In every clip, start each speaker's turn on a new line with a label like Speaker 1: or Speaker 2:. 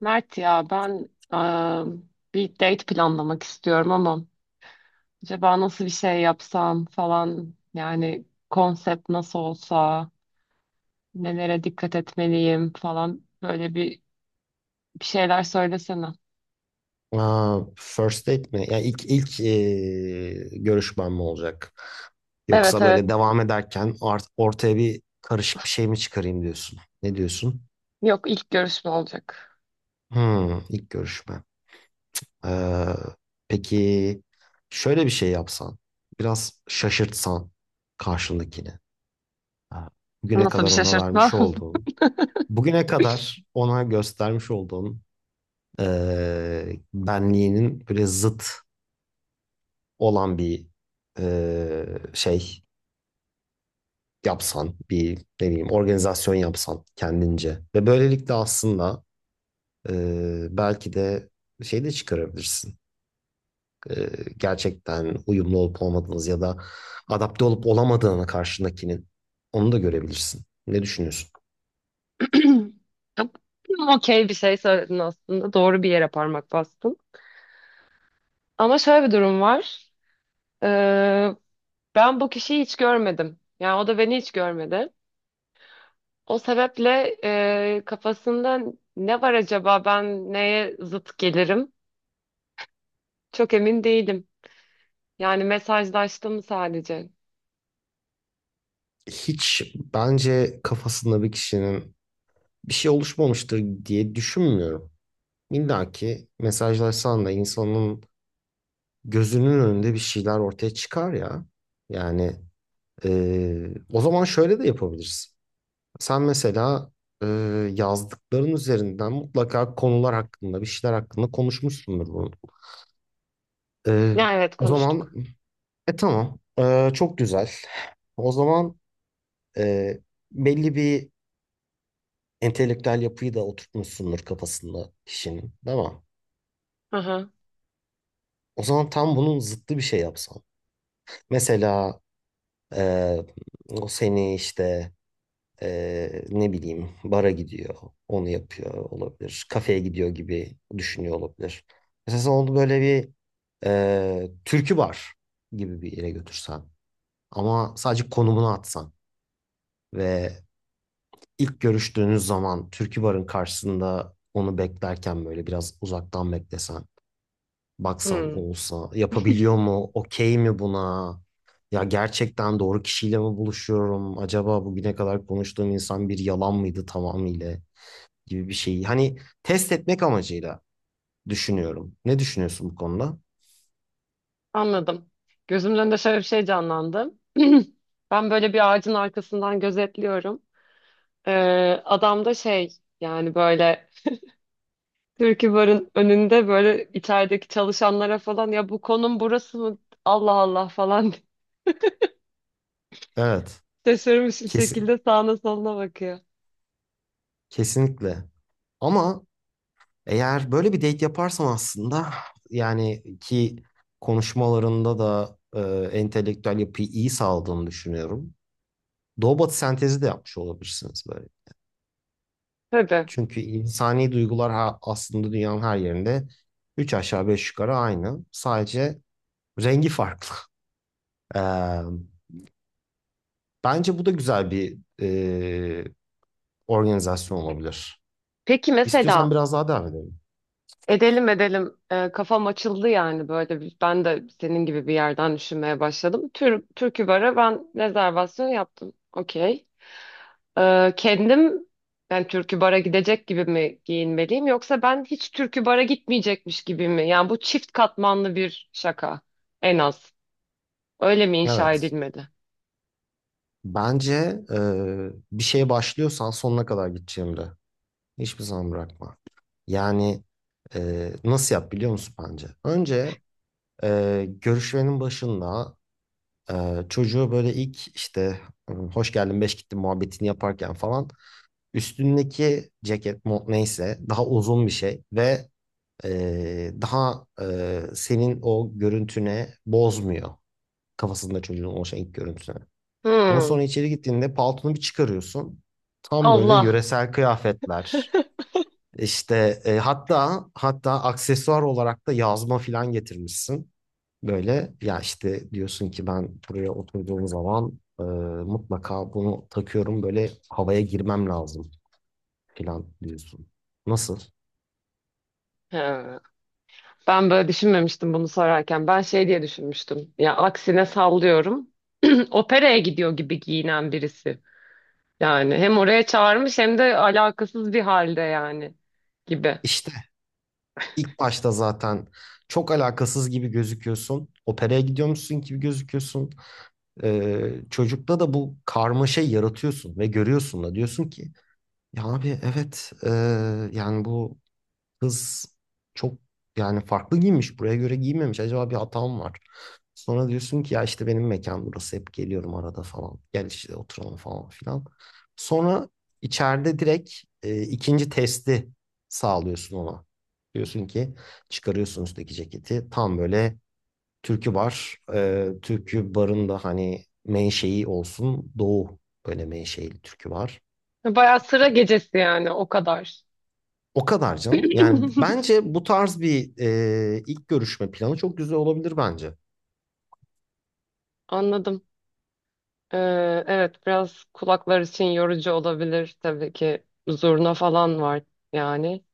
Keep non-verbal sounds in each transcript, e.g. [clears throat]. Speaker 1: Mert ya ben bir date planlamak istiyorum ama acaba nasıl bir şey yapsam falan, yani konsept nasıl olsa, nelere dikkat etmeliyim falan, bir şeyler söylesene.
Speaker 2: Aa, first date mi? Yani görüşmem mi olacak?
Speaker 1: Evet,
Speaker 2: Yoksa
Speaker 1: evet,
Speaker 2: böyle devam ederken ortaya bir karışık bir şey mi çıkarayım diyorsun? Ne diyorsun?
Speaker 1: yok, ilk görüşme olacak.
Speaker 2: Hmm, ilk görüşme. Ee, peki şöyle bir şey yapsan, biraz şaşırtsan karşındakini. Ha, Bugüne
Speaker 1: Nasıl bir
Speaker 2: kadar ona vermiş
Speaker 1: şaşırtma?
Speaker 2: olduğun, bugüne kadar ona göstermiş olduğun benliğinin böyle zıt olan bir şey yapsan, bir ne bileyim organizasyon yapsan kendince ve böylelikle aslında belki de şey de çıkarabilirsin. E, Gerçekten uyumlu olup olmadığınız ya da adapte olup olamadığını karşındakinin onu da görebilirsin. Ne düşünüyorsun?
Speaker 1: [clears throat] Okey, bir şey söyledin, aslında doğru bir yere parmak bastın. Ama şöyle bir durum var. Ee, Ben bu kişiyi hiç görmedim. Yani o da beni hiç görmedi. O sebeple kafasında ne var acaba, ben neye zıt gelirim? Çok emin değilim. Yani mesajlaştı mı sadece?
Speaker 2: Hiç bence kafasında bir kişinin bir şey oluşmamıştır diye düşünmüyorum. İlla ki mesajlaşsan da insanın gözünün önünde bir şeyler ortaya çıkar ya. Yani Ee, O zaman şöyle de yapabiliriz. Sen mesela e, yazdıkların üzerinden mutlaka konular hakkında, bir şeyler hakkında konuşmuşsundur bunu. Ee,
Speaker 1: Ya evet,
Speaker 2: O zaman
Speaker 1: konuştuk.
Speaker 2: tamam. Çok güzel. O zaman e, belli bir entelektüel yapıyı da oturtmuşsundur kafasında kişinin, değil mi?
Speaker 1: Hı hı.
Speaker 2: O zaman tam bunun zıttı bir şey yapsan. Mesela e, o seni işte ne bileyim bara gidiyor, onu yapıyor olabilir. Kafeye gidiyor gibi düşünüyor olabilir. Mesela onu böyle bir türkü bar gibi bir yere götürsen ama sadece konumunu atsan ve ilk görüştüğünüz zaman türkü barın karşısında onu beklerken böyle biraz uzaktan beklesen, baksan
Speaker 1: Hmm,
Speaker 2: olsa yapabiliyor mu, okey mi buna? Ya gerçekten doğru kişiyle mi buluşuyorum? Acaba bugüne kadar konuştuğum insan bir yalan mıydı tamamıyla gibi bir şeyi hani test etmek amacıyla düşünüyorum. Ne düşünüyorsun bu konuda?
Speaker 1: anladım. Gözümün önünde şöyle bir şey canlandı. [clears throat] Ben böyle bir ağacın arkasından gözetliyorum. E, Adam da şey, yani böyle Türkiye Bar'ın önünde böyle içerideki çalışanlara falan, ya bu konum burası mı? Allah Allah falan
Speaker 2: Evet,
Speaker 1: [laughs] şaşırmış bir
Speaker 2: kesin
Speaker 1: şekilde sağına soluna bakıyor.
Speaker 2: kesinlikle. Ama eğer böyle bir date yaparsam aslında yani ki konuşmalarında da entelektüel yapıyı iyi sağladığını düşünüyorum. Doğu batı sentezi de yapmış olabilirsiniz böyle.
Speaker 1: Tabii.
Speaker 2: Çünkü insani duygular aslında dünyanın her yerinde üç aşağı beş yukarı aynı. Sadece rengi farklı. [laughs] Eee Bence bu da güzel bir organizasyon olabilir.
Speaker 1: Peki
Speaker 2: İstiyorsan
Speaker 1: mesela
Speaker 2: biraz daha devam edelim.
Speaker 1: edelim, edelim, kafam açıldı yani, ben de senin gibi bir yerden düşünmeye başladım. Türkü Bar'a ben rezervasyon yaptım. Okey. Kendim, ben Türkü Bar'a gidecek gibi mi giyinmeliyim, yoksa ben hiç Türkü Bar'a gitmeyecekmiş gibi mi? Yani bu çift katmanlı bir şaka en az. Öyle mi inşa
Speaker 2: Evet.
Speaker 1: edilmedi?
Speaker 2: Bence e, bir şeye başlıyorsan sonuna kadar gideceğimde. Hiçbir zaman bırakma. Yani nasıl yap biliyor musun bence? Önce görüşmenin başında çocuğu böyle ilk işte hoş geldin beş gittin muhabbetini yaparken falan üstündeki ceket mont neyse daha uzun bir şey ve senin o görüntüne bozmuyor. Kafasında çocuğun oluşan ilk görüntüsü. Ama sonra
Speaker 1: Hmm.
Speaker 2: içeri gittiğinde paltonu bir çıkarıyorsun. Tam böyle
Speaker 1: Allah.
Speaker 2: yöresel kıyafetler. İşte hatta hatta aksesuar olarak da yazma filan getirmişsin. Böyle ya işte diyorsun ki ben buraya oturduğum zaman mutlaka bunu takıyorum böyle havaya girmem lazım filan diyorsun. Nasıl?
Speaker 1: He. Ben böyle düşünmemiştim bunu sorarken. Ben şey diye düşünmüştüm. Ya aksine, sallıyorum. [clears throat] Operaya gidiyor gibi giyinen birisi. Yani hem oraya çağırmış hem de alakasız bir halde yani, gibi.
Speaker 2: İşte. İlk başta zaten çok alakasız gibi gözüküyorsun. Operaya gidiyormuşsun gibi gözüküyorsun. Çocukta da bu karmaşayı yaratıyorsun ve görüyorsun da diyorsun ki ya abi evet yani bu kız çok yani farklı giymiş. Buraya göre giymemiş. Acaba bir hatam var. Sonra diyorsun ki ya işte benim mekan burası. Hep geliyorum arada falan. Gel işte oturalım falan filan. Sonra içeride direkt ikinci testi sağlıyorsun ona. Diyorsun ki çıkarıyorsun üstteki ceketi. Tam böyle türkü bar. Türkü barın da hani menşei olsun. Doğu böyle menşeili türkü var.
Speaker 1: Bayağı sıra gecesi yani, o kadar.
Speaker 2: O kadar canım. Yani
Speaker 1: [clears throat] [laughs]
Speaker 2: bence bu tarz bir ilk görüşme planı çok güzel olabilir bence.
Speaker 1: Anladım. Ee, evet, biraz kulaklar için yorucu olabilir tabii ki. Zurna falan var yani.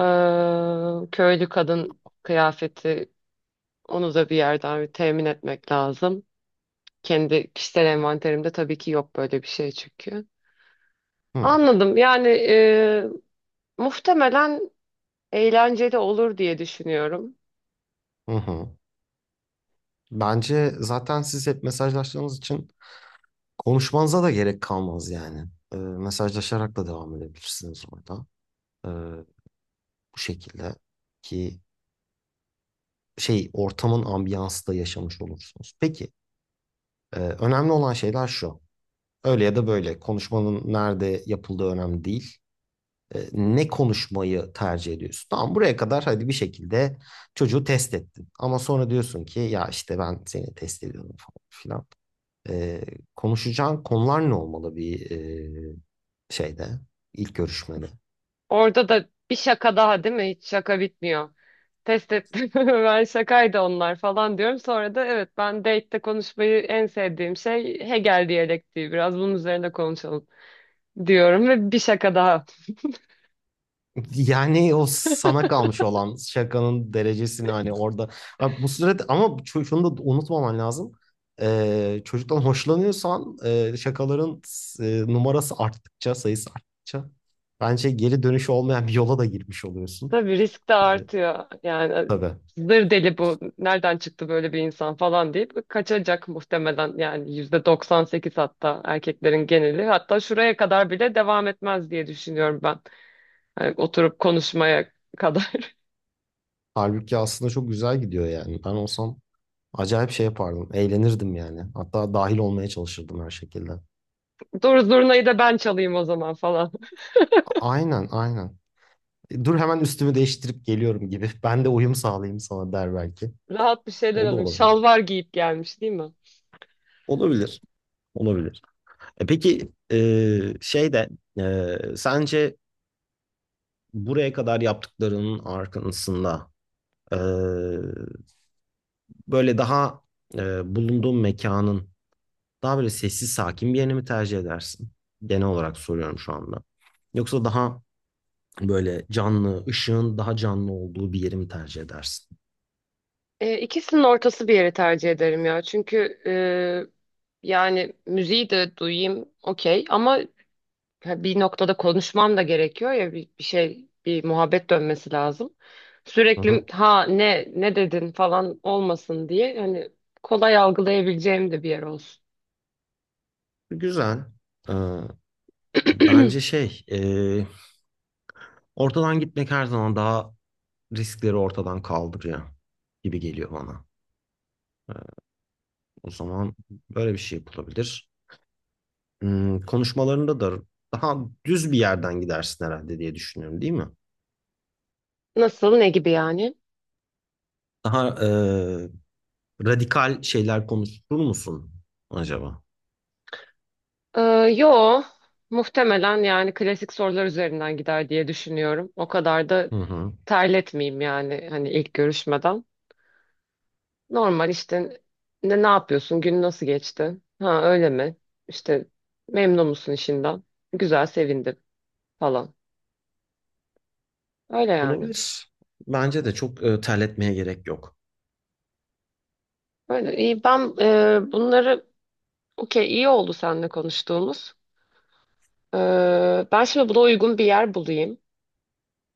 Speaker 1: Köylü kadın kıyafeti, onu da bir yerden bir temin etmek lazım. Kendi kişisel envanterimde tabii ki yok böyle bir şey çünkü.
Speaker 2: Hı,
Speaker 1: Anladım. Yani muhtemelen eğlenceli olur diye düşünüyorum.
Speaker 2: hı hı. Bence zaten siz hep mesajlaştığınız için konuşmanıza da gerek kalmaz yani. Mesajlaşarak da devam edebilirsiniz orada. E, Bu şekilde ki şey ortamın ambiyansı da yaşamış olursunuz. Peki önemli olan şeyler şu. Öyle ya da böyle konuşmanın nerede yapıldığı önemli değil. Ne konuşmayı tercih ediyorsun? Tamam buraya kadar hadi bir şekilde çocuğu test ettin. Ama sonra diyorsun ki ya işte ben seni test ediyorum falan filan. E, Konuşacağın konular ne olmalı bir e, şeyde ilk görüşmede?
Speaker 1: Orada da bir şaka daha, değil mi? Hiç şaka bitmiyor. Test ettim. [laughs] Ben, şakaydı onlar falan diyorum. Sonra da evet, ben date'te konuşmayı en sevdiğim şey Hegel diyalektiği, biraz bunun üzerine konuşalım diyorum, ve bir şaka daha.
Speaker 2: Yani o sana kalmış olan şakanın derecesini hani orada. Abi bu sürede ama şunu da unutmaman lazım. Çocuktan hoşlanıyorsan şakaların numarası arttıkça, sayısı arttıkça bence geri dönüşü olmayan bir yola da girmiş oluyorsun.
Speaker 1: Tabii risk de
Speaker 2: Ee,
Speaker 1: artıyor. Yani
Speaker 2: tabii.
Speaker 1: zır deli bu. Nereden çıktı böyle bir insan falan deyip kaçacak muhtemelen. Yani yüzde 98, hatta erkeklerin geneli. Hatta şuraya kadar bile devam etmez diye düşünüyorum ben. Yani oturup konuşmaya kadar.
Speaker 2: Halbuki aslında çok güzel gidiyor yani. Ben olsam acayip şey yapardım. Eğlenirdim yani. Hatta dahil olmaya çalışırdım her şekilde.
Speaker 1: [laughs] Dur zurnayı da ben çalayım o zaman falan.
Speaker 2: Aynen, aynen. Dur hemen üstümü değiştirip geliyorum gibi. Ben de uyum sağlayayım sana der belki.
Speaker 1: [laughs] Rahat bir şeyler
Speaker 2: O da
Speaker 1: alayım.
Speaker 2: olabilir.
Speaker 1: Şalvar giyip gelmiş, değil mi?
Speaker 2: Olabilir. Olabilir. Peki sence buraya kadar yaptıklarının arkasında e, böyle daha bulunduğun mekanın daha böyle sessiz sakin bir yerini mi tercih edersin? Genel olarak soruyorum şu anda. Yoksa daha böyle canlı, ışığın daha canlı olduğu bir yeri mi tercih edersin?
Speaker 1: İkisinin ortası bir yeri tercih ederim ya. Çünkü yani müziği de duyayım okey, ama ha, bir noktada konuşmam da gerekiyor ya, bir şey, bir muhabbet dönmesi lazım.
Speaker 2: Hı
Speaker 1: Sürekli
Speaker 2: hı.
Speaker 1: ha ne dedin falan olmasın diye, hani kolay algılayabileceğim de bir yer olsun.
Speaker 2: Güzel. E, bence
Speaker 1: [clears throat]
Speaker 2: ortadan gitmek her zaman daha riskleri ortadan kaldırıyor gibi geliyor bana. O zaman böyle bir şey yapılabilir. Hmm, konuşmalarında da daha düz bir yerden gidersin herhalde diye düşünüyorum, değil mi?
Speaker 1: Nasıl, ne gibi yani?
Speaker 2: Daha radikal şeyler konuşur musun acaba?
Speaker 1: Ee, Yo, muhtemelen yani klasik sorular üzerinden gider diye düşünüyorum. O kadar da
Speaker 2: Hı hı.
Speaker 1: terletmeyeyim yani, hani ilk görüşmeden. Normal işte, ne yapıyorsun, gün nasıl geçti? Ha, öyle mi? İşte memnun musun işinden? Güzel, sevindim. Falan. Öyle yani.
Speaker 2: Olabilir. Bence de çok terletmeye gerek yok.
Speaker 1: Öyle. İyi, ben bunları, okey, iyi oldu seninle konuştuğumuz. Ben şimdi buna uygun bir yer bulayım.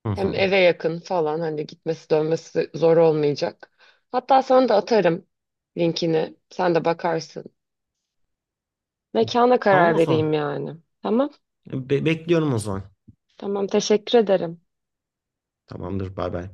Speaker 2: Hı
Speaker 1: Hem
Speaker 2: hı.
Speaker 1: eve yakın falan, hani gitmesi dönmesi zor olmayacak. Hatta sana da atarım linkini. Sen de bakarsın. Mekana
Speaker 2: Tamam
Speaker 1: karar
Speaker 2: o zaman.
Speaker 1: vereyim yani. Tamam.
Speaker 2: Bekliyorum o zaman.
Speaker 1: Tamam, teşekkür ederim.
Speaker 2: Tamamdır, bay bay.